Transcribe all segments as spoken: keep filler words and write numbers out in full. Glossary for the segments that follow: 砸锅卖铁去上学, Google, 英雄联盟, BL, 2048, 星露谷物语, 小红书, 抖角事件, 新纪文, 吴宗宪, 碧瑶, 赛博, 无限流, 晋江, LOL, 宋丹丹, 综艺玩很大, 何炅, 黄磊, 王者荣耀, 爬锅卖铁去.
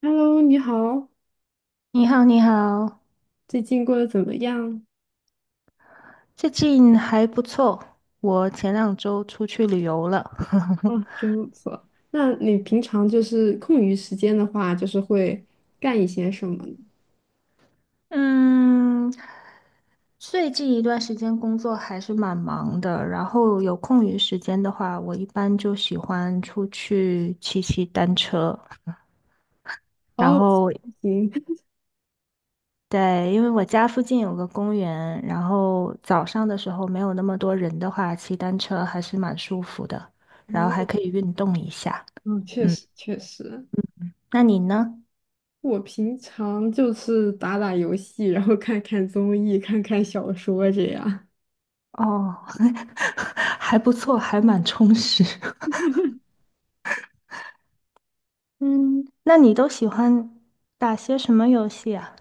Hello，你好，你好，你好，最近过得怎么样？最近还不错。我前两周出去旅游了。哦，真不错。那你平常就是空余时间的话，就是会干一些什么呢？嗯，最近一段时间工作还是蛮忙的，然后有空余时间的话，我一般就喜欢出去骑骑单车。然哦，后，行，对，因为我家附近有个公园，然后早上的时候没有那么多人的话，骑单车还是蛮舒服的，然后还哦，可以运动一下。嗯，确嗯，实确实，那你呢？我平常就是打打游戏，然后看看综艺，看看小说这样。哦，还不错，还蛮充实。嗯，那你都喜欢打些什么游戏啊？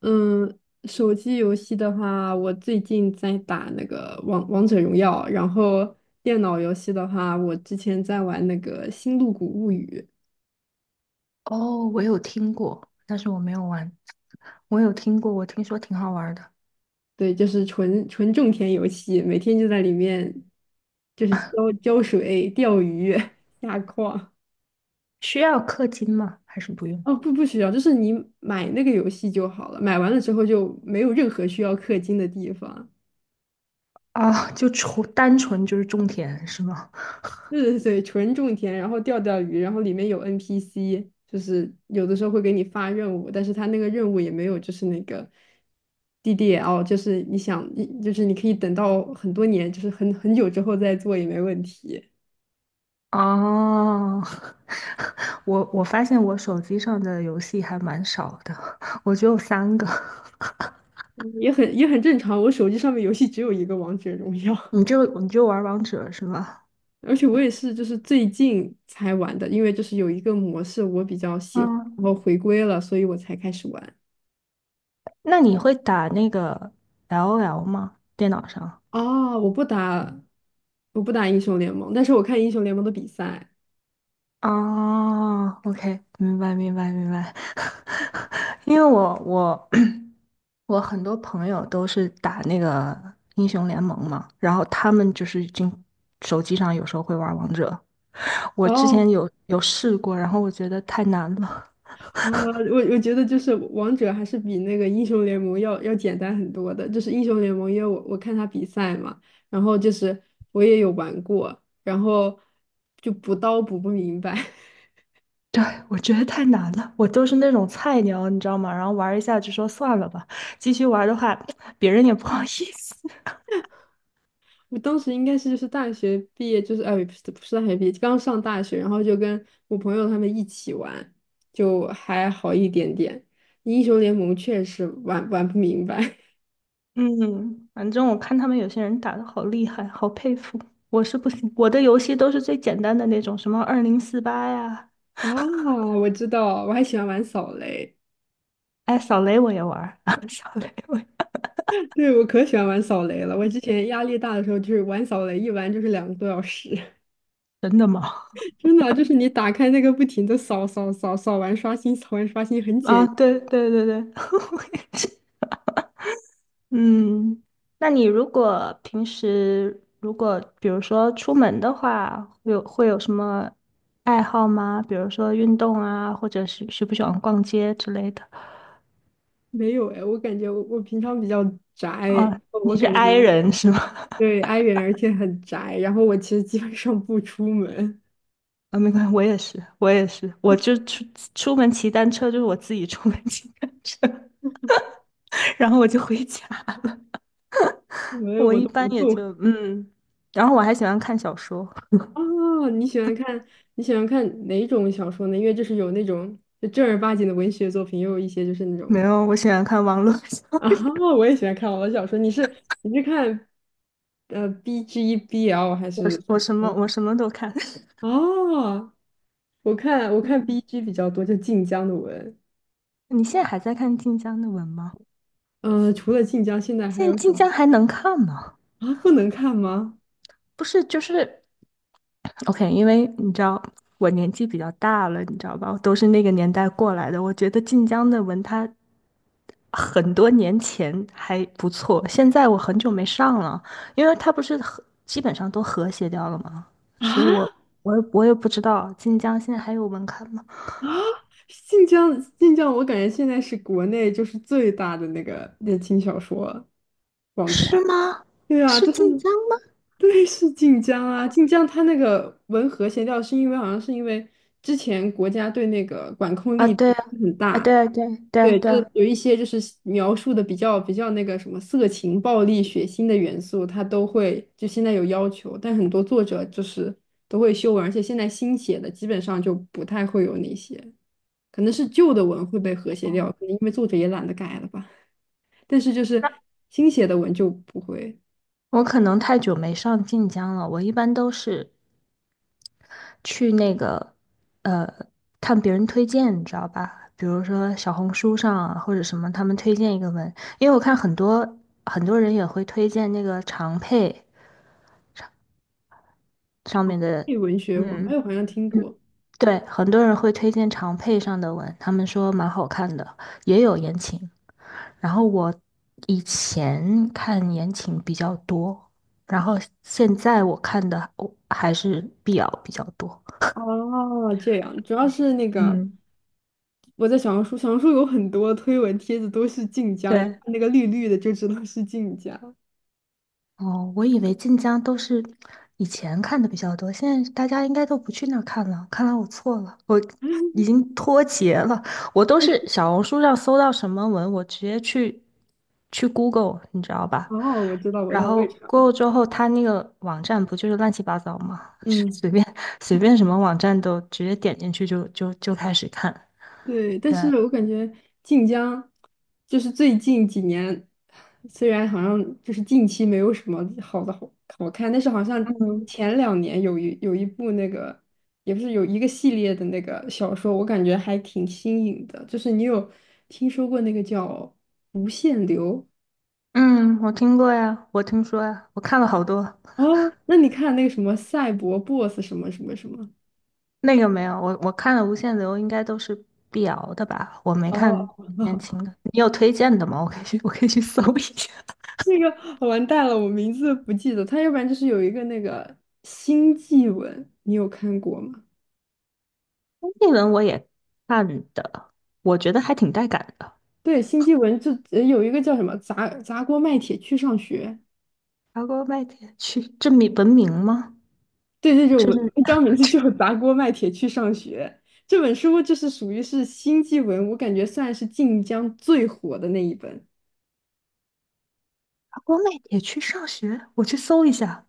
嗯，手机游戏的话，我最近在打那个王王者荣耀，然后电脑游戏的话，我之前在玩那个《星露谷物语》。哦，我有听过，但是我没有玩。我有听过，我听说挺好玩的。对，就是纯纯种田游戏，每天就在里面，就是浇浇水、钓鱼、下矿。需要氪金吗？还是不用？哦，不，不需要，就是你买那个游戏就好了，买完了之后就没有任何需要氪金的地方。啊，就纯单纯就是种田是吗？对对对，纯种田，然后钓钓鱼，然后里面有 N P C，就是有的时候会给你发任务，但是他那个任务也没有，就是那个 D D L，就是你想，你就是你可以等到很多年，就是很很久之后再做也没问题。哦，我我发现我手机上的游戏还蛮少的，我只有三个。嗯也很也很正常。我手机上面游戏只有一个王者荣耀，你就你就玩王者是吗？而且我也是就是最近才玩的，因为就是有一个模式我比较喜欢，然后回归了，所以我才开始玩。那你会打那个 L O L 吗？电脑上？哦，我不打，我不打英雄联盟，但是我看英雄联盟的比赛。啊 o k 明白明白明白。因为我我 我很多朋友都是打那个英雄联盟嘛，然后他们就是已经手机上有时候会玩王者。我之前哦，有有试过，然后我觉得太难了。呃，我我觉得就是王者还是比那个英雄联盟要要简单很多的。就是英雄联盟，因为我我看他比赛嘛，然后就是我也有玩过，然后就补刀补不明白。对，我觉得太难了，我都是那种菜鸟，你知道吗？然后玩一下就说算了吧，继续玩的话，别人也不好意思。我当时应该是就是大学毕业，就是哎，不是不是大学毕业，刚上大学，然后就跟我朋友他们一起玩，就还好一点点。英雄联盟确实玩玩不明白 嗯，反正我看他们有些人打的好厉害，好佩服。我是不行，我的游戏都是最简单的那种，什么二零四八呀，啊，我知道，我还喜欢玩扫雷，哎，扫雷我也玩儿，扫雷我也 对，我可喜欢玩扫雷了。我之前压力大的时候，就是玩扫雷，一玩就是两个多小时，真的吗？真的啊就是你打开那个不停的扫扫扫扫完刷新，扫完刷新很解啊，压对对对对，我也是。嗯，那你如果平时如果比如说出门的话，会有会有什么爱好吗？比如说运动啊，或者是喜不喜欢逛街之类的？没有哎，我感觉我我平常比较宅，啊，你我是 感觉。i 人是吗？对，i 人，而且很宅。然后我其实基本上不出门，啊，没关系，我也是，我也是，我就出出门骑单车，就是我自己出门骑单车，然后我就回家。出门我我一都般不也动。就嗯，然后我还喜欢看小说，哦，你喜欢看你喜欢看哪种小说呢？因为就是有那种就正儿八经的文学作品，也有一些就是那种没有，我喜欢看网络小说，啊，我也喜欢看网络小说。你是你是看呃 B G B L 还 我是？是我什么我什么都看。哦，我看我看 嗯 B G 比较多，就晋江的文。你现在还在看晋江的文吗？嗯，除了晋江，现在还现在有什晋么江还能看吗？啊？不能看吗？不是，就是 OK，因为你知道我年纪比较大了，你知道吧？我都是那个年代过来的。我觉得晋江的文它很多年前还不错，现在我很久没上了，因为它不是和基本上都和谐掉了吗？所以我啊？我也我也不知道晋江现在还有文刊吗？啊，晋江，晋江，我感觉现在是国内就是最大的那个言情小说网站。是吗？对啊，是就是晋江吗？对，是晋江啊，晋江它那个文和谐调是因为好像是因为之前国家对那个管控啊，力对度啊，很啊，对大，啊对啊对啊对，对就是啊有一些就是描述的比较比较那个什么色情、暴力、血腥的元素，它都会就现在有要求，但很多作者就是都会修文，而且现在新写的基本上就不太会有那些。可能是旧的文会被和谐掉，可能因为作者也懒得改了吧。但是就是新写的文就不会。我可能太久没上晋江了，我一般都是去那个呃看别人推荐，你知道吧？比如说小红书上啊，或者什么，他们推荐一个文，因为我看很多很多人也会推荐那个长佩上面的，配文学网，嗯哎，我好像听嗯，过。对，很多人会推荐长佩上的文，他们说蛮好看的，也有言情，然后我以前看言情比较多，然后现在我看的我还是 B L 比较多。哦，这样，主要是那个嗯，我在小红书，小红书有很多推文帖子都是晋江，一看对，那个绿绿的就知道是晋江。哦，我以为晋江都是以前看的比较多，现在大家应该都不去那儿看了。看来我错了，我已经脱节了。我都哎，是小红书上搜到什么文，我直接去去 Google，你知道吧？哦，我知道，我知然道，我后 也查不到。Google 之后，它那个网站不就是乱七八糟吗？嗯。随便随便什么网站都直接点进去就就就开始看。对，但对，是我感觉晋江就是最近几年，虽然好像就是近期没有什么好的好好看，但是好像嗯前两年有一有一部那个，也不是有一个系列的那个小说，我感觉还挺新颖的。就是你有听说过那个叫《无限流》嗯，我听过呀，我听说呀，我看了好多。哦？那你看那个什么赛博 BOSS 什么什么什么？那个没有，我我看了《无限流》，应该都是碧瑶的吧？我没看哦，言 情的，你有推荐的吗？我可以去，我可以去搜一下。那个完蛋了，我名字不记得。他要不然就是有一个那个新纪文，你有看过吗？那文我也看的，我觉得还挺带感的。对，新纪文就呃有一个叫什么砸砸锅卖铁去上学。爬锅卖铁去，这名文明吗？对对对，这我是 一张名字 就砸锅卖铁去上学。这本书就是属于是新纪文，我感觉算是晋江最火的那一本。爬锅卖铁去上学，我去搜一下，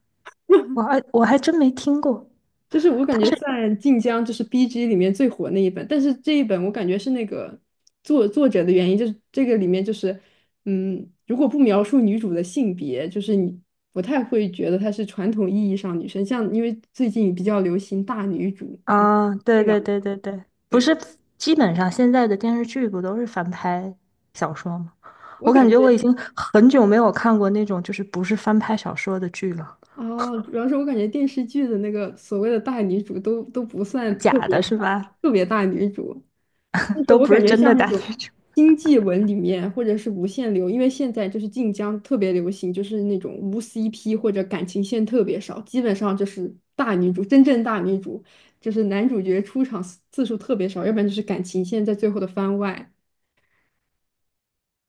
我还我还真没听过。就是我感他觉是。算晋江就是 B G 里面最火那一本，但是这一本我感觉是那个作作者的原因，就是这个里面就是，嗯，如果不描述女主的性别，就是你不太会觉得她是传统意义上女生，像因为最近比较流行大女主啊，啊，一对两，对对对对，不对，是，基本上现在的电视剧不都是翻拍小说吗？我我感感觉我觉已经很久没有看过那种就是不是翻拍小说的剧了，哦，主要是我感觉电视剧的那个所谓的大女主都都不算特假别的是吧？特别大女主，但是都我不感是觉真的像那大种那种。经济文里面，或者是无限流，因为现在就是晋江特别流行，就是那种无 C P 或者感情线特别少，基本上就是大女主，真正大女主，就是男主角出场次次数特别少，要不然就是感情线在最后的番外。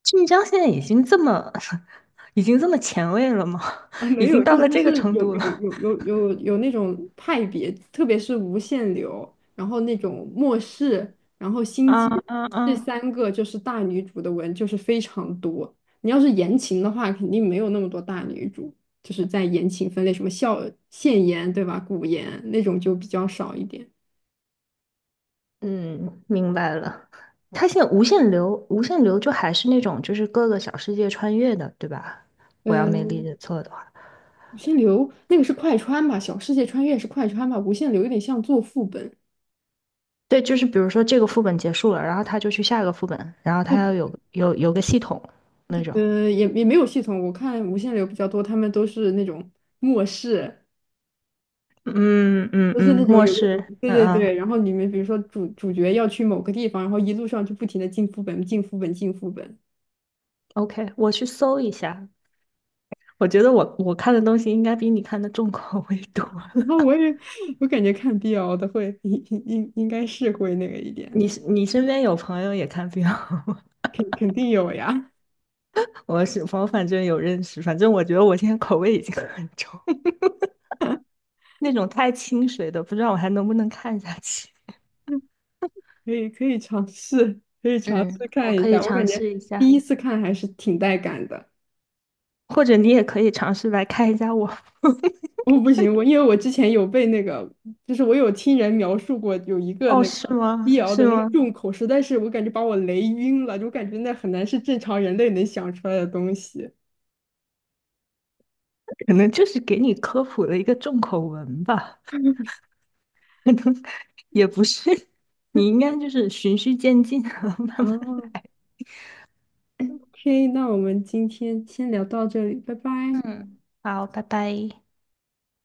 晋江现在已经这么，已经这么前卫了吗？啊，没已经有，就到是了它这个是程有度有了。有有有有那种派别，特别是无限流，然后那种末世，然后星啊际啊这啊！三个就是大女主的文就是非常多。你要是言情的话，肯定没有那么多大女主，就是在言情分类，什么笑现言对吧，古言那种就比较少一点。嗯，明白了。它现在无限流，无限流就还是那种就是各个小世界穿越的，对吧？我要没理嗯，解错的话。无限流那个是快穿吧，小世界穿越是快穿吧，无限流有点像做副本。对，就是比如说这个副本结束了，然后他就去下一个副本，然后他对要有有有个系统那种。呃，也也没有系统。我看无限流比较多，他们都是那种末世，嗯嗯都是嗯，那种末有个什世，么，对嗯对嗯对。然后里面比如说主主角要去某个地方，然后一路上就不停的进副本、进副本、进副本。，OK，我去搜一下。我觉得我我看的东西应该比你看的重口味多了。然后 我也 我感觉看 B L 的会应应应该是会那个一点，你是你身边有朋友也看病，肯肯定有呀，我是我反正有认识，反正我觉得我现在口味已经很重，那种太清水的，不知道我还能不能看下去。嗯可以可以尝试，可以尝嗯，试我看一可以下。我感尝觉试一第下，一次看还是挺带感的。或者你也可以尝试来看一下我。我不行，我因为我之前有被那个，就是我有听人描述过有一个哦，那是个医吗？瑶的是那个吗？重口，实在是我感觉把我雷晕了，就感觉那很难是正常人类能想出来的东西。可能就是给你科普了一个重口文吧，可能也不是，你应该就是循序渐进，慢慢。哦，OK，那我们今天先聊到这里，拜拜。嗯，好，拜拜。